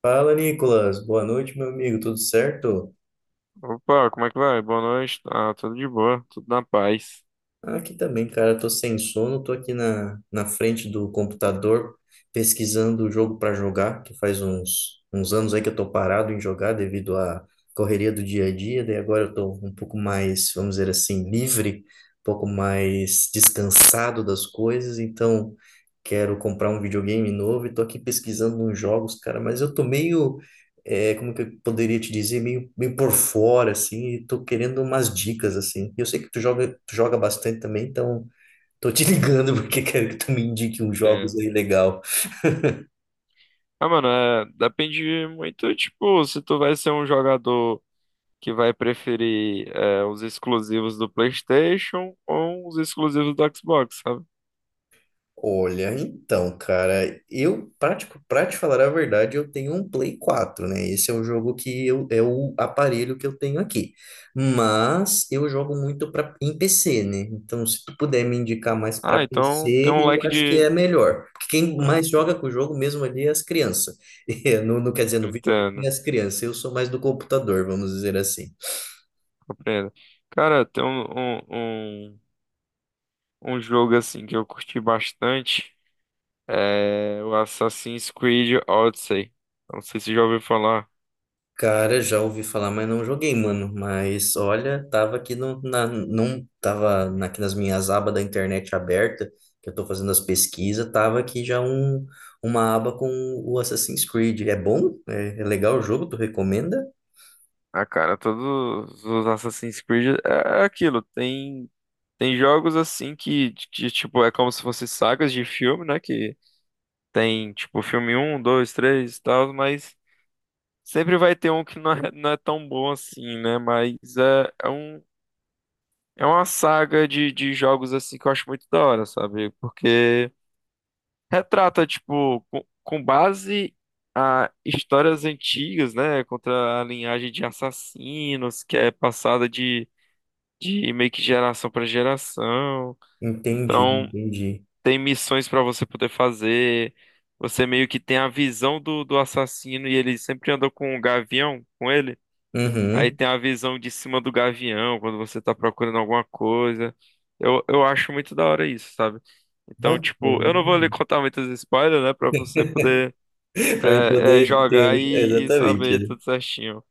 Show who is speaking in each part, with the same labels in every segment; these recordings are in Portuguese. Speaker 1: Fala, Nicolas. Boa noite, meu amigo. Tudo certo?
Speaker 2: Opa, como é que vai? Boa noite. Ah, tudo de boa, tudo na paz.
Speaker 1: Aqui também, cara. Tô sem sono. Tô aqui na frente do computador pesquisando o jogo para jogar, que faz uns anos aí que eu tô parado em jogar devido à correria do dia a dia. Daí agora eu tô um pouco mais, vamos dizer assim, livre, um pouco mais descansado das coisas. Então, quero comprar um videogame novo e tô aqui pesquisando uns jogos, cara. Mas eu tô meio como que eu poderia te dizer, meio por fora, assim, e tô querendo umas dicas, assim. Eu sei que tu joga bastante também, então tô te ligando porque quero que tu me indique uns jogos
Speaker 2: É.
Speaker 1: aí legal.
Speaker 2: Ah, mano, depende muito, tipo, se tu vai ser um jogador que vai preferir os exclusivos do PlayStation ou os exclusivos do Xbox, sabe?
Speaker 1: Olha, então, cara, eu, pra te falar a verdade, eu tenho um Play 4, né? Esse é o jogo que eu, é o aparelho que eu tenho aqui. Mas eu jogo muito em PC, né? Então, se tu puder me indicar mais pra
Speaker 2: Ah, então tem um
Speaker 1: PC, eu
Speaker 2: leque
Speaker 1: acho que
Speaker 2: de.
Speaker 1: é melhor. Porque quem
Speaker 2: Ah,
Speaker 1: mais joga
Speaker 2: sim,
Speaker 1: com o jogo mesmo ali é as crianças. É, não, não quer dizer no videogame é
Speaker 2: entendo,
Speaker 1: as crianças, eu sou mais do computador, vamos dizer assim.
Speaker 2: compreendo. Cara, tem um, um, um, um jogo assim que eu curti bastante, é o Assassin's Creed Odyssey. Não sei se já ouviu falar.
Speaker 1: Cara, já ouvi falar, mas não joguei, mano. Mas olha, tava aqui no, na, num, tava na- aqui nas minhas abas da internet aberta, que eu tô fazendo as pesquisas, tava aqui já uma aba com o Assassin's Creed. É bom? É, é legal o jogo? Tu recomenda?
Speaker 2: Ah, cara, todos os Assassin's Creed é aquilo. Tem jogos assim que, tipo, é como se fossem sagas de filme, né? Que tem, tipo, filme um 2 3 e tal, mas sempre vai ter um que não é tão bom assim, né? É uma saga de jogos assim que eu acho muito da hora, sabe? Porque retrata, tipo, com base a histórias antigas, né? Contra a linhagem de assassinos que é passada de meio que geração para geração.
Speaker 1: Entendi,
Speaker 2: Então,
Speaker 1: entendi.
Speaker 2: tem missões para você poder fazer. Você meio que tem a visão do assassino e ele sempre andou com um gavião com ele. Aí
Speaker 1: Uhum.
Speaker 2: tem a visão de cima do gavião quando você tá procurando alguma coisa. Eu acho muito da hora isso, sabe? Então, tipo,
Speaker 1: Bacana.
Speaker 2: eu não vou lhe contar muitos spoilers, né? Pra você poder
Speaker 1: Pra mim poder ter.
Speaker 2: jogar e
Speaker 1: Exatamente.
Speaker 2: saber
Speaker 1: Né?
Speaker 2: tudo certinho.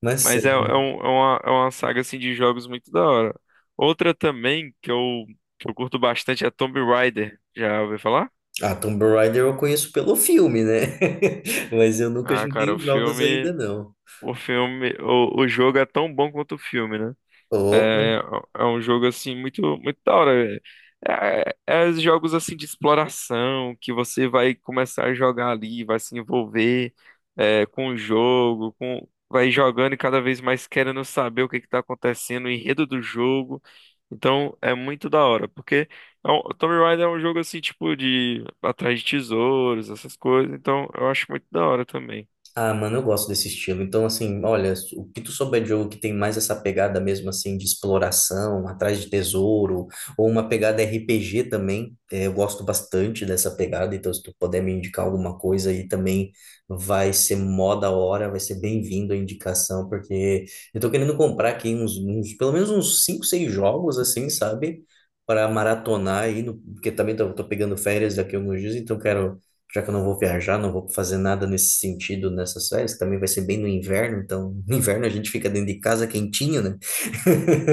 Speaker 1: Mas
Speaker 2: Mas é uma saga assim de jogos muito da hora. Outra também que eu curto bastante é Tomb Raider. Já ouviu falar?
Speaker 1: ah, Tomb Raider eu conheço pelo filme, né? Mas eu nunca
Speaker 2: Ah, cara,
Speaker 1: joguei os jogos ainda, não.
Speaker 2: o filme, o jogo é tão bom quanto o filme, né?
Speaker 1: Opa!
Speaker 2: É, é um jogo assim muito muito da hora. É jogos assim de exploração que você vai começar a jogar ali, vai se envolver com o jogo, com vai jogando e cada vez mais querendo saber o que está acontecendo, o enredo do jogo. Então é muito da hora, porque o Tomb Raider é um jogo assim tipo de atrás de tesouros, essas coisas. Então eu acho muito da hora também.
Speaker 1: Ah, mano, eu gosto desse estilo. Então, assim, olha, o que tu souber de jogo que tem mais essa pegada mesmo, assim, de exploração, atrás de tesouro, ou uma pegada RPG também, eu gosto bastante dessa pegada. Então, se tu puder me indicar alguma coisa aí também, vai ser mó da hora, vai ser bem-vindo a indicação, porque eu tô querendo comprar aqui pelo menos uns 5 6 jogos, assim, sabe? Para maratonar aí, porque também tô pegando férias daqui a alguns dias, então quero já que eu não vou viajar, não vou fazer nada nesse sentido nessas férias, também vai ser bem no inverno, então no inverno a gente fica dentro de casa quentinho, né?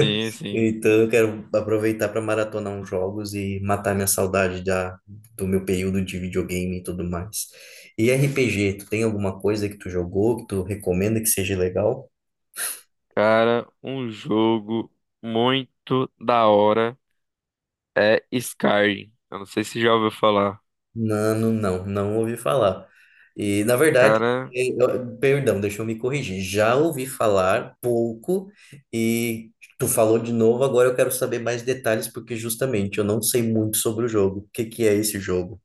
Speaker 2: Sim, sim.
Speaker 1: Então eu quero aproveitar para maratonar uns jogos e matar minha saudade do meu período de videogame e tudo mais. E RPG, tu tem alguma coisa que tu jogou, que tu recomenda que seja legal?
Speaker 2: Cara, um jogo muito da hora é Skyrim. Eu não sei se já ouviu falar.
Speaker 1: Nano, não, não ouvi falar. E, na verdade,
Speaker 2: Cara,
Speaker 1: perdão, deixa eu me corrigir. Já ouvi falar pouco e tu falou de novo, agora eu quero saber mais detalhes, porque justamente eu não sei muito sobre o jogo. O que que é esse jogo?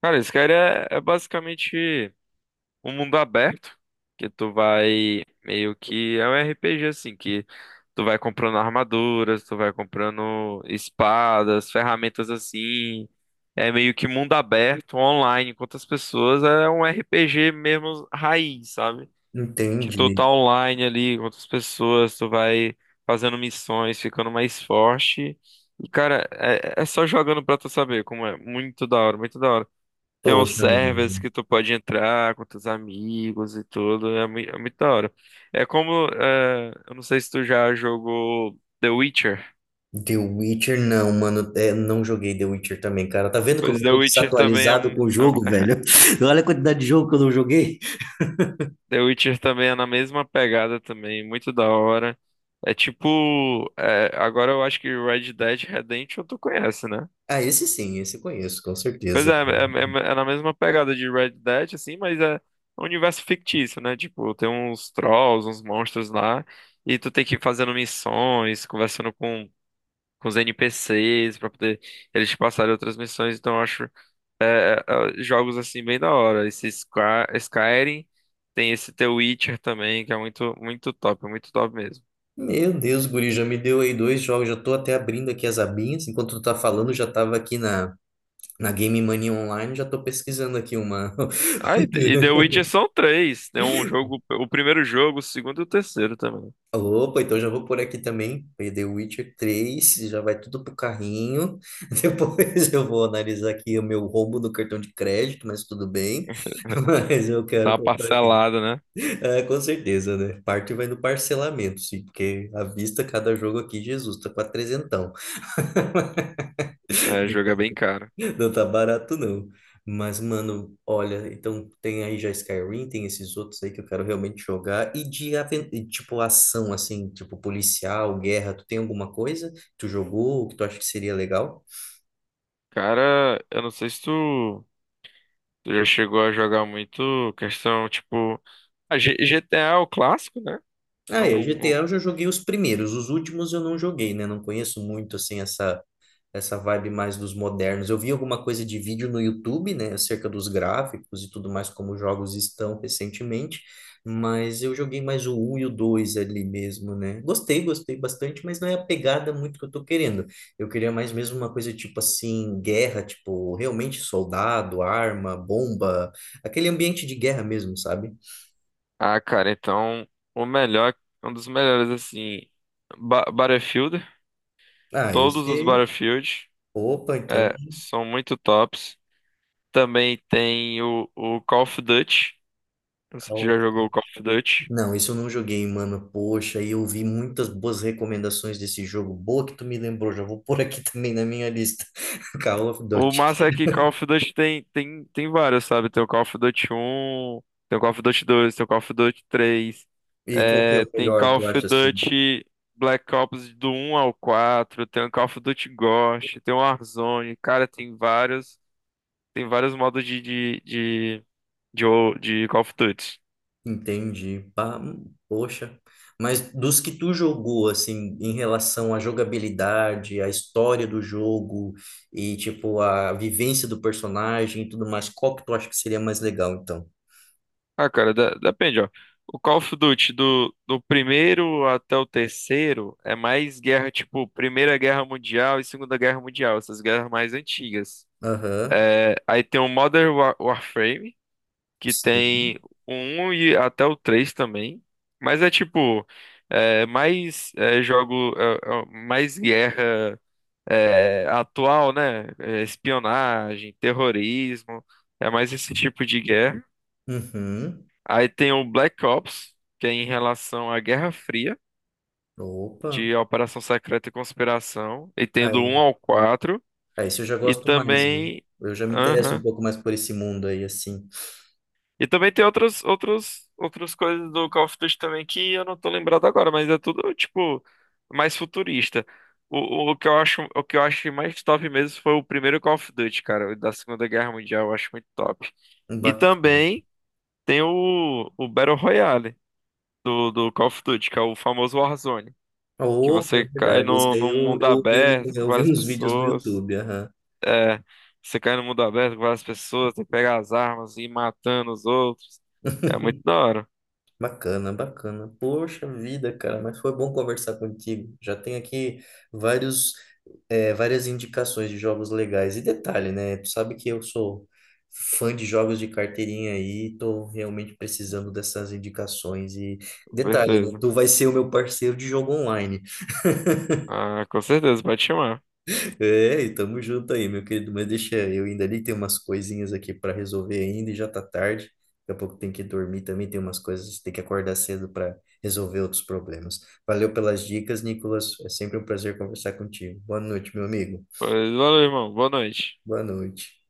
Speaker 2: cara, Skyrim é basicamente um mundo aberto que tu vai meio que é um RPG assim que tu vai comprando armaduras, tu vai comprando espadas, ferramentas assim. É meio que mundo aberto, online, com outras pessoas, é um RPG mesmo raiz, sabe? Que tu
Speaker 1: Entendi.
Speaker 2: tá online ali com outras pessoas, tu vai fazendo missões, ficando mais forte. E, cara, é só jogando pra tu saber como é. Muito da hora, muito da hora. Tem uns
Speaker 1: Poxa,
Speaker 2: servers
Speaker 1: mano.
Speaker 2: que tu pode entrar com teus amigos e tudo. É, é muito da hora. É como. É, eu não sei se tu já jogou The Witcher.
Speaker 1: The Witcher não, mano. É, não joguei The Witcher também, cara. Tá vendo como
Speaker 2: Pois
Speaker 1: eu
Speaker 2: The
Speaker 1: tô
Speaker 2: Witcher também
Speaker 1: desatualizado com o
Speaker 2: é- um,
Speaker 1: jogo,
Speaker 2: é-
Speaker 1: velho? Olha a quantidade de jogo que eu não joguei.
Speaker 2: The Witcher também é na mesma pegada também, muito da hora. É tipo, é, agora eu acho que Red Dead Redemption tu conhece, né?
Speaker 1: Ah, esse sim, esse eu conheço, com
Speaker 2: Pois
Speaker 1: certeza.
Speaker 2: é na mesma pegada de Red Dead, assim, mas é um universo fictício, né? Tipo, tem uns trolls, uns monstros lá, e tu tem que ir fazendo missões, conversando com os NPCs pra poder eles te passarem outras missões. Então, eu acho é, jogos assim bem da hora. Esse Skyrim, tem esse The Witcher também, que é muito, muito top mesmo.
Speaker 1: Meu Deus, guri, já me deu aí dois jogos, já tô até abrindo aqui as abinhas, enquanto tu tá falando, já tava aqui na Game Mania Online, já tô pesquisando aqui uma...
Speaker 2: Ah, e The Witcher são três. Tem um jogo, o primeiro jogo, o segundo e o terceiro também.
Speaker 1: Opa, então já vou por aqui também, aí The Witcher 3, já vai tudo pro carrinho, depois eu vou analisar aqui o meu roubo do cartão de crédito, mas tudo bem, mas eu
Speaker 2: Dá
Speaker 1: quero
Speaker 2: uma
Speaker 1: comprar aqui.
Speaker 2: parcelada, né?
Speaker 1: É, com certeza, né? Parte vai no parcelamento, sim, porque à vista cada jogo aqui, Jesus, tá quase trezentão.
Speaker 2: É, jogo é bem caro.
Speaker 1: Não tá barato, não. Mas, mano, olha, então tem aí já Skyrim, tem esses outros aí que eu quero realmente jogar. E de, e, tipo, ação, assim, tipo policial, guerra, tu tem alguma coisa que tu jogou, que tu acha que seria legal?
Speaker 2: Cara, eu não sei se tu já chegou a jogar muito questão, tipo, GTA é o clássico, né? É
Speaker 1: Ah, é,
Speaker 2: um- um-
Speaker 1: GTA eu já joguei os primeiros, os últimos eu não joguei, né? Não conheço muito, assim, essa vibe mais dos modernos. Eu vi alguma coisa de vídeo no YouTube, né, acerca dos gráficos e tudo mais, como os jogos estão recentemente, mas eu joguei mais o um e o 2 ali mesmo, né? Gostei, gostei bastante, mas não é a pegada muito que eu tô querendo. Eu queria mais mesmo uma coisa tipo assim, guerra, tipo, realmente soldado, arma, bomba, aquele ambiente de guerra mesmo, sabe?
Speaker 2: Ah, cara, então o melhor, um dos melhores assim, Battlefield,
Speaker 1: Ah,
Speaker 2: todos os
Speaker 1: esse.
Speaker 2: Battlefield,
Speaker 1: Opa, então.
Speaker 2: é, são muito tops. Também tem o Call of Duty. Não sei se
Speaker 1: Call
Speaker 2: já
Speaker 1: of
Speaker 2: jogou o Call of Duty.
Speaker 1: Não, isso eu não joguei, mano. Poxa, e eu vi muitas boas recomendações desse jogo. Boa que tu me lembrou, já vou pôr aqui também na minha lista. Call of
Speaker 2: O massa é
Speaker 1: Duty.
Speaker 2: que Call of Duty tem várias, sabe? Tem o Call of Duty um, tem o Call of Duty dois, tem o Call of Duty três,
Speaker 1: E qual que é
Speaker 2: é,
Speaker 1: o
Speaker 2: tem
Speaker 1: melhor,
Speaker 2: Call
Speaker 1: tu
Speaker 2: of
Speaker 1: acha assim?
Speaker 2: Duty Black Ops do um ao quatro, tem o Call of Duty Ghost, tem o Warzone, cara, tem vários modos de Call of Duty.
Speaker 1: Entendi. Pá, poxa. Mas dos que tu jogou, assim, em relação à jogabilidade, à história do jogo e, tipo, a vivência do personagem e tudo mais, qual que tu acha que seria mais legal, então?
Speaker 2: Ah, cara, depende, ó. O Call of Duty do primeiro até o terceiro é mais guerra, tipo, Primeira Guerra Mundial e Segunda Guerra Mundial, essas guerras mais antigas.
Speaker 1: Aham.
Speaker 2: Aí tem o Warframe, que tem
Speaker 1: Sim.
Speaker 2: o 1 e até o 3 também. Mas é tipo, mais guerra atual, né? É, espionagem, terrorismo, é mais esse tipo de guerra.
Speaker 1: Uhum.
Speaker 2: Aí tem o Black Ops, que é em relação à Guerra Fria,
Speaker 1: Opa.
Speaker 2: de Operação Secreta e Conspiração, e tem do 1
Speaker 1: Aí.
Speaker 2: ao 4
Speaker 1: Ah, isso eu já
Speaker 2: e
Speaker 1: gosto mais, viu?
Speaker 2: também.
Speaker 1: Eu já me interesso um
Speaker 2: Aham.
Speaker 1: pouco mais por esse mundo aí, assim.
Speaker 2: E também tem outras outros, outras coisas do Call of Duty também que eu não tô lembrado agora, mas é tudo, tipo, mais futurista. O, o que eu acho, o que eu achei mais top mesmo foi o primeiro Call of Duty, cara, o da Segunda Guerra Mundial, eu acho muito top. E
Speaker 1: Bacana.
Speaker 2: também tem o Battle Royale do Call of Duty, que é o famoso Warzone. Que
Speaker 1: Opa, é
Speaker 2: você cai
Speaker 1: verdade. Esse
Speaker 2: no,
Speaker 1: aí
Speaker 2: num
Speaker 1: eu,
Speaker 2: mundo
Speaker 1: eu, ouvi,
Speaker 2: aberto com
Speaker 1: eu vi
Speaker 2: várias
Speaker 1: uns vídeos no
Speaker 2: pessoas.
Speaker 1: YouTube. Aham.
Speaker 2: É, você cai no mundo aberto com várias pessoas, tem que pegar as armas e ir matando os outros. É muito da hora,
Speaker 1: Bacana, bacana. Poxa vida, cara, mas foi bom conversar contigo. Já tem aqui vários, várias indicações de jogos legais. E detalhe, né? Tu sabe que eu sou fã de jogos de carteirinha aí, tô realmente precisando dessas indicações. E
Speaker 2: com
Speaker 1: detalhe, né?
Speaker 2: certeza.
Speaker 1: Tu vai ser o meu parceiro de jogo online.
Speaker 2: Ah, com certeza, pode chamar.
Speaker 1: É, e tamo junto aí, meu querido. Mas deixa eu ainda ali, tem umas coisinhas aqui para resolver ainda e já tá tarde. Daqui a pouco tem que dormir também, tem umas coisas, tem que acordar cedo para resolver outros problemas. Valeu pelas dicas, Nicolas. É sempre um prazer conversar contigo. Boa noite, meu amigo.
Speaker 2: Pois valeu, irmão. Boa noite.
Speaker 1: Boa noite.